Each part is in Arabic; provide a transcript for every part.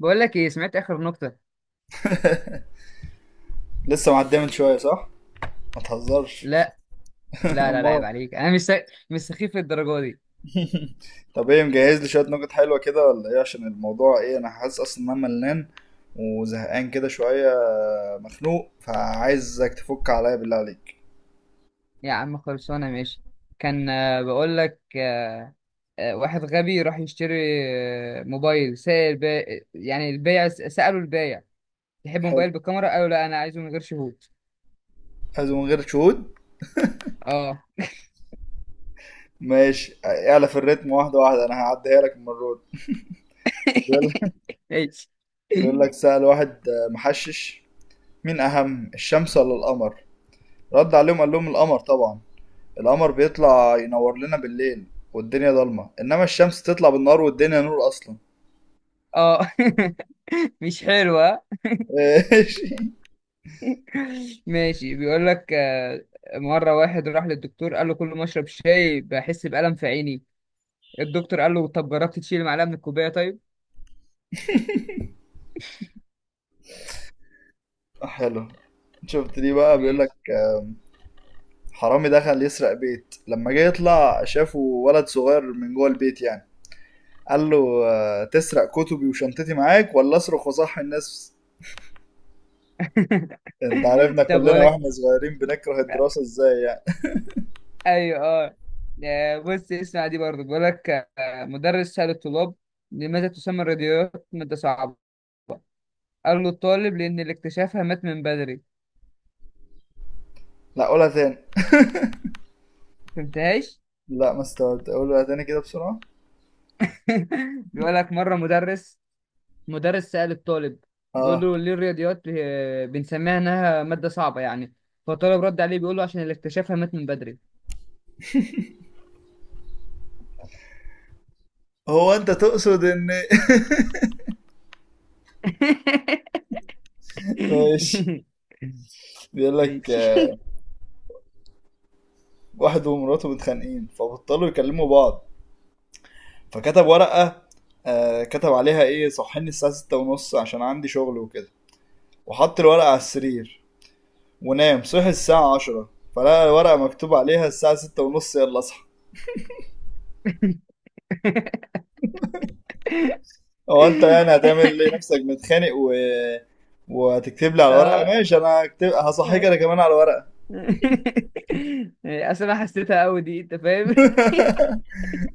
بقول لك ايه؟ سمعت اخر نكته؟ لسه معديه من شويه صح؟ ما تهزرش. لا، لا، لا، لا، عيب امال؟ عليك. انا مش سخيف للدرجه دي. طب ايه، مجهز لي شويه نكت حلوه كده ولا ايه؟ عشان الموضوع ايه، انا حاسس اصلا ان انا ملان وزهقان كده شويه، مخنوق، فعايزك تفك عليا بالله عليك. يا عم خلصانه. ماشي. كان آه، بقول لك واحد غبي راح يشتري موبايل سائل يعني البايع سأله البايع: تحب حلو، موبايل بالكاميرا؟ قالوا: لا، انا عايزه من غير شهود. عايزه من غير شهود. اه. ماشي، اعلى في الريتم واحده واحده، انا هعديها لك المره دي. بيقول ماشي. بيقول لك سأل واحد محشش، مين اهم الشمس ولا القمر؟ رد عليهم قال لهم القمر طبعا، القمر بيطلع ينور لنا بالليل والدنيا ضلمة، انما الشمس تطلع بالنهار والدنيا نور اصلا. اه. مش حلوة. ماشي. ماشي. بيقول لك مرة واحد راح للدكتور، قال له: كل ما اشرب شاي بحس بألم في عيني. الدكتور قال له: طب جربت تشيل معلقه من الكوبايه؟ طيب. حلو. شفت دي بقى. بيقول لك ماشي. حرامي دخل يسرق بيت، لما جه يطلع شافه ولد صغير من جوه البيت يعني، قال له تسرق كتبي وشنطتي معاك ولا اصرخ وصحي الناس؟ انت عارفنا طب كلنا بقول لك. واحنا صغيرين بنكره الدراسة ازاي يعني. ايوه، اه. بص اسمع دي برضه، بقول لك مدرس سأل الطلاب: لماذا تسمى الراديوات مادة صعبة؟ قال له الطالب: لأن اللي اكتشفها مات من بدري. لا قولها تاني. فهمتهاش. لا، ما استوعبت، قولها تاني كده بسرعة. بيقول لك مرة مدرس سأل الطالب، بيقول اه. له: ليه الرياضيات بنسميها إنها مادة صعبة يعني؟ فالطالب رد عليه بيقول له: عشان اللي اكتشفها مات من بدري. هو انت تقصد ان. ماشي. بيقول لك ماشي. واحد ومراته متخانقين فبطلوا يكلموا بعض، فكتب ورقة آه كتب عليها ايه، صحيني الساعة ستة ونص عشان عندي شغل وكده. وحط الورقة على السرير ونام. صحي الساعة عشرة فلقى الورقة مكتوب عليها الساعة ستة ونص يلا اصحى. هو انت يعني هتعمل ليه نفسك متخانق و... وهتكتب لي على ورقة؟ اه، ماشي، انا هكتب هصحيك انا كمان على ورقة. يعني اصل انا حسيتها قوي دي، انت فاهم؟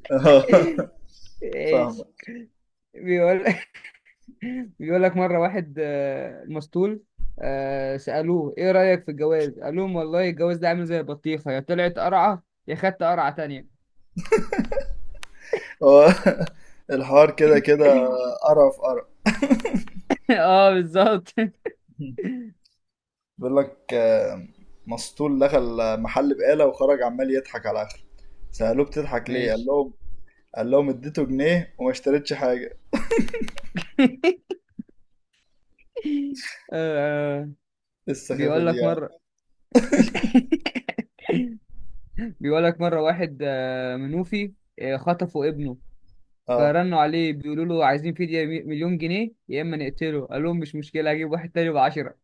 فاهمة. ايش؟ بيقول بيقول لك: مره واحد مسطول، سالوه: ايه رايك في الجواز؟ قال لهم: والله الجواز ده عامل زي البطيخه، يا طلعت قرعه يا خدت قرعه تانية. هو الحوار كده كده، قرف قرف. اه بالظبط. بيقول لك مسطول دخل محل بقالة وخرج عمال يضحك على آخره، سألوه بتضحك ليه، قال ماشي. لهم قال لهم اديته جنيه وما اشتريتش حاجة. إيه آه، السخافة بيقول دي لك يعني! مره بيقول لك مره واحد منوفي خطفوا ابنه، اه، فرنوا عليه بيقولوا له: عايزين فدية مليون جنيه يا اما نقتله. قال لهم: مش مشكلة، هجيب واحد تاني بعشرة.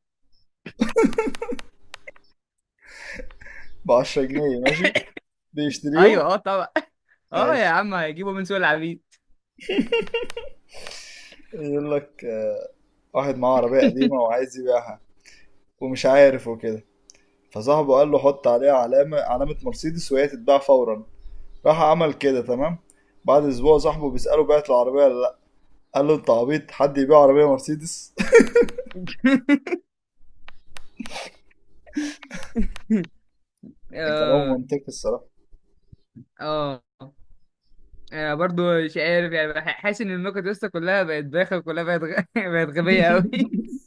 ب 10 جنيه، ماشي، بيشتريهم. ايوه، اه، طبعا. اه يا ماشي. عم، هيجيبوا من سوق العبيد. يقول لك واحد معاه عربية قديمة وعايز يبيعها ومش عارف وكده، فصاحبه قال له حط عليها علامة، علامة مرسيدس وهي تتباع فورا. راح عمل كده، تمام. بعد اسبوع صاحبه بيسأله بعت العربية ولا لا؟ قال له انت عبيط، حد يبيع عربية مرسيدس؟ كلام اه، منطقي الصراحة. اه. برضو مش عارف يعني، حاسس ان النكت لسه كلها بقت بايخه، كلها بقت غبيه قوي.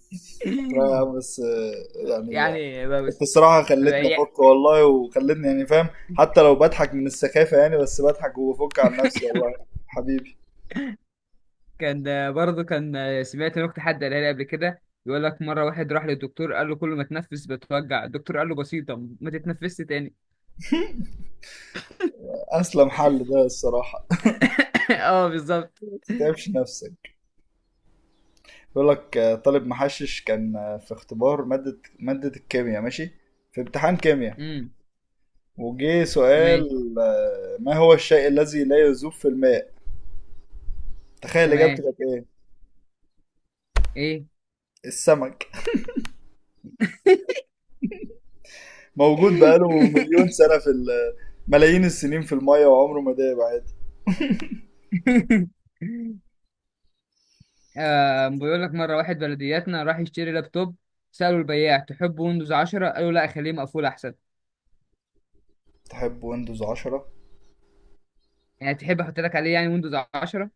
لا يا عم، بس يعني يعني بقى انت بس. الصراحة بقى خلتني يع- افك والله، وخلتني يعني فاهم، حتى لو بضحك من السخافة يعني، بس بضحك وبفك عن نفسي والله حبيبي. كان ده برضو، كان سمعت نكته حد قالها لي قبل كده، يقول لك: مره واحد راح للدكتور قال له: كل ما تنفس بتوجع. الدكتور قال له: بسيطه، ما تتنفسش تاني. اسلم حل ده الصراحة، اه بالظبط. ما تتعبش نفسك. بيقول لك طالب محشش كان في اختبار مادة الكيمياء، ماشي، في امتحان كيمياء. امم. وجه ماشي. سؤال ما هو الشيء الذي لا يذوب في الماء. تخيل اجابته تمام. كانت ايه؟ ايه. السمك. موجود بقاله مليون سنة في ملايين السنين في المية وعمره ما داب عادي. آه، بيقول لك: مرة واحد بلدياتنا راح يشتري لابتوب، سأله البياع: تحب ويندوز 10؟ قالوا: لا، خليه مقفول أحسن. تحب ويندوز 10. يعني تحب أحط لك عليه يعني ويندوز 10،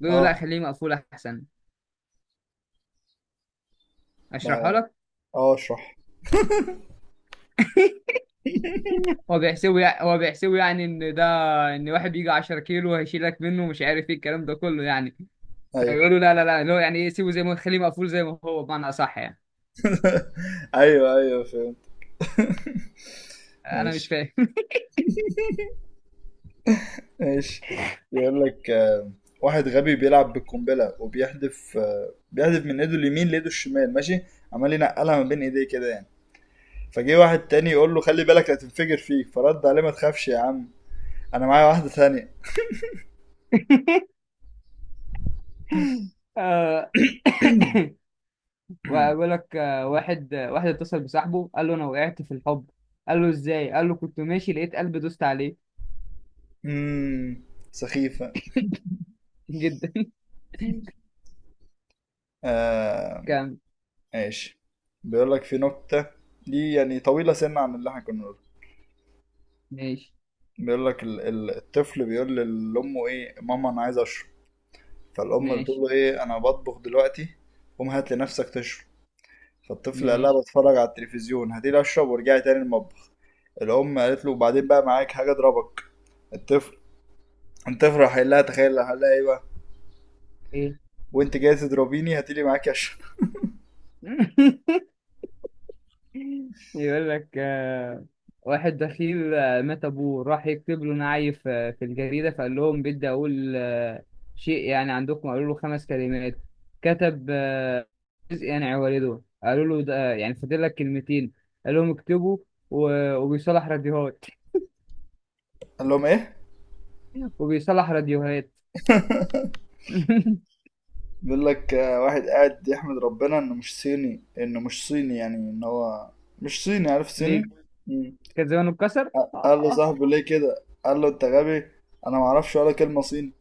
بيقولوا: لا، اه، خليه مقفول أحسن. أشرحها لا. لك. اه، اشرح. هو بيحسبه يعني، إن واحد بيجي 10 كيلو هيشيلك منه، مش عارف إيه الكلام ده كله يعني. ايوه. فبيقولوا: لا، لا، لا، اللي هو يعني إيه، سيبه زي ما، خليه مقفول زي ما هو، بمعنى أصح يعني. ايوه ايوه فهمت. أنا مش ماشي فاهم. ماشي. يقول لك واحد غبي بيلعب بالقنبلة وبيحدف، بيحدف من ايده اليمين لايده الشمال، ماشي، عمال ينقلها ما بين ايديه كده يعني. فجه واحد تاني يقول له خلي بالك هتنفجر فيك، فرد عليه ما تخافش يا عم، انا معايا واحدة تانية. آه، وبقول لك واحد، واحد اتصل بصاحبه قال له: انا وقعت في الحب. قال له: ازاي؟ قال له: كنت ماشي لقيت قلبي دوست عليه. امم. سخيفة. جدا. آه، كان ماشي. بيقول لك في نكتة، دي يعني طويلة سنة عن اللي احنا كنا بنقوله. ماشي، بيقول لك الطفل بيقول لأمه ايه ماما، أنا عايز أشرب. فالأم بتقول ماشي، له ايه، أنا بطبخ دلوقتي، قوم هات لنفسك تشرب. فالطفل قال ماشي. لها بتفرج على التلفزيون، هاتيلي أشرب وارجعي تاني المطبخ. الأم قالت له وبعدين بقى، معاك حاجة أضربك. الطفل الطفل راح قايل لها، تخيل، راح قال لها ايه بقى؟ ايه. وانت جاي تضربيني هاتيلي معاكي أشرب. يقول لك واحد دخيل مات ابوه، راح يكتب له نعيف في الجريدة، فقال لهم: بدي اقول شيء يعني عندكم. قالوا له: خمس كلمات. كتب: جزء يعني عوارضه. قالوا له: ده يعني فاضل لك كلمتين. قال لهم: اكتبوا وبيصلح راديوهات. قال لهم ايه؟ وبيصلح راديوهات. بيقول لك واحد قاعد يحمد ربنا انه مش صيني، انه مش صيني يعني، ان هو مش صيني. عارف صيني؟ ليه؟ مم. كان زمانه اتكسر. قال له صاحبه ليه كده؟ قال له انت غبي، انا ما اعرفش ولا كلمة صيني.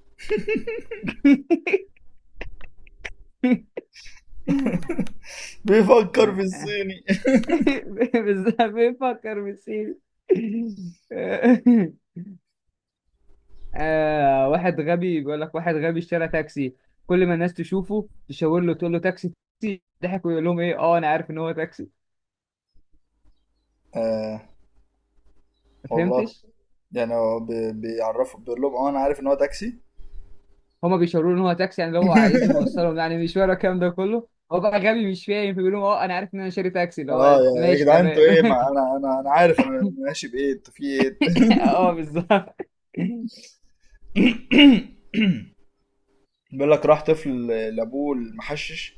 بيفكر في الصيني. بالظبط، بيفكر بالسيل. آه واحد غبي بيقول لك: واحد غبي اشترى تاكسي، كل ما الناس تشوفه تشاور له تقول له: تاكسي، تاكسي، ضحك ويقول لهم: ايه، اه، انا عارف ان هو تاكسي. آه ما والله فهمتش. يعني هو بيعرفه، بيقول لهم اه انا عارف ان هو تاكسي. هما بيشاوروا له ان هو تاكسي، يعني اللي هو عايزهم يوصلهم، يعني مشوار، الكلام ده كله، هو بقى غبي مش فاهم، فبيقول لهم: اه انا عارف ان انا شاري تاكسي، اللي اه هو يا يا ماشي جدعان، انتوا تمام. ايه؟ ما انا انا عارف انا ماشي بايه، انتوا في ايه؟ اه بالظبط. بيقول لك راح طفل لابوه المحشش،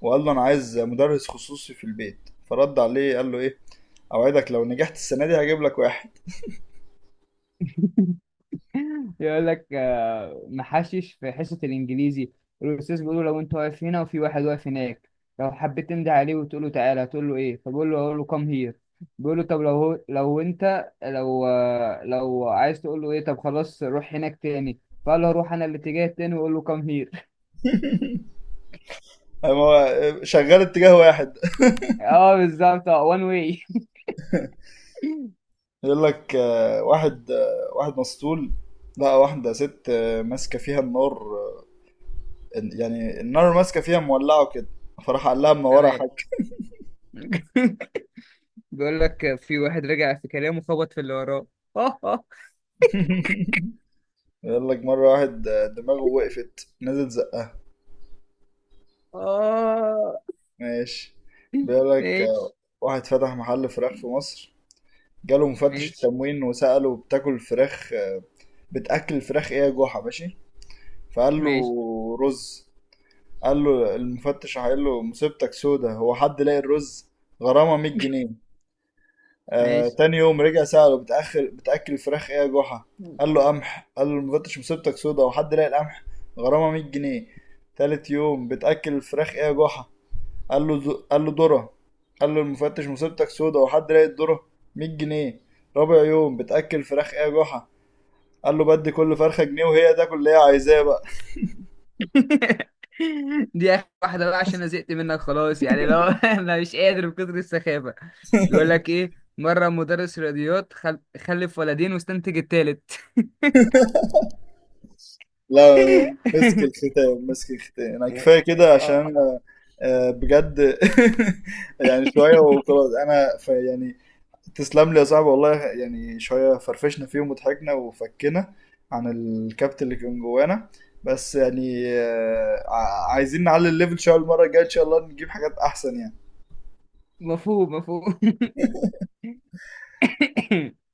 وقال له انا عايز مدرس خصوصي في البيت. فرد عليه قال له ايه، اوعدك لو نجحت السنه دي هجيب لك واحد. يقول لك محشش في حصة الإنجليزي، الأستاذ بيقول له: لو أنت واقف هنا، وفي واحد واقف هناك، لو حبيت تنده عليه وتقول له تعالى، هتقول له إيه؟ فبقول له: هقول له كام هير. بيقول له: طب لو هو لو أنت لو آه، لو عايز تقول له إيه؟ طب خلاص روح هناك تاني. فقال له: هروح أنا الاتجاه التاني وأقول له كام هير. قام هو شغال اتجاه واحد. اه بالظبط، اه، وان واي. يقول لك واحد واحد مسطول لقى واحده ست ماسكه فيها النار، يعني النار ماسكه فيها مولعه كده، فراح قال لها منوره يا تمام. حاج. بيقول لك: في واحد رجع في كلامه خبط في اللي وراه. اه، اه. بيقول لك مره واحد دماغه وقفت، نزل زقها. آه. ماشي. بيقول لك ماشي، واحد فتح محل فراخ في مصر، جاله مفتش ماشي، التموين وسأله بتاكل فراخ بتاكل الفراخ ايه يا جحا؟ ماشي. فقال له ماشي، رز. قال له المفتش قال له مصيبتك سودا، هو حد لاقي الرز؟ غرامه 100 جنيه. آه، ماشي. تاني يوم رجع سأله بتأخر بتأكل الفراخ ايه يا جحا؟ قال له قمح. قال له المفتش مصيبتك سودا، هو حد لاقي القمح؟ غرامه 100 جنيه. تالت يوم بتأكل الفراخ ايه يا جحا؟ قال له قال له ذره. قال له المفتش مصيبتك سودا، هو حد لاقي الذره؟ 100 جنيه. رابع يوم بتأكل الفراخ ايه يا جحا؟ قال له بدي كل فرخه جنيه وهي تاكل اللي هي عايزاه بقى. دي اخر واحده بقى، عشان انا زهقت منك خلاص يعني، لو، انا مش قادر من كتر السخافه. بيقول لك ايه: مره مدرس رياضيات خلف ولدين واستنتج التالت. لا، مسك الختام مسك الختام، انا كفايه كده عشان اه. أنا، بجد. يعني شويه وخلاص انا ف يعني، تسلم لي يا صاحبي والله. يعني شويه فرفشنا فيهم وضحكنا وفكنا عن الكابت اللي كان جوانا. بس يعني عايزين نعلي الليفل شويه المره الجايه ان شاء الله نجيب حاجات احسن يعني. مفهوم، مفهوم.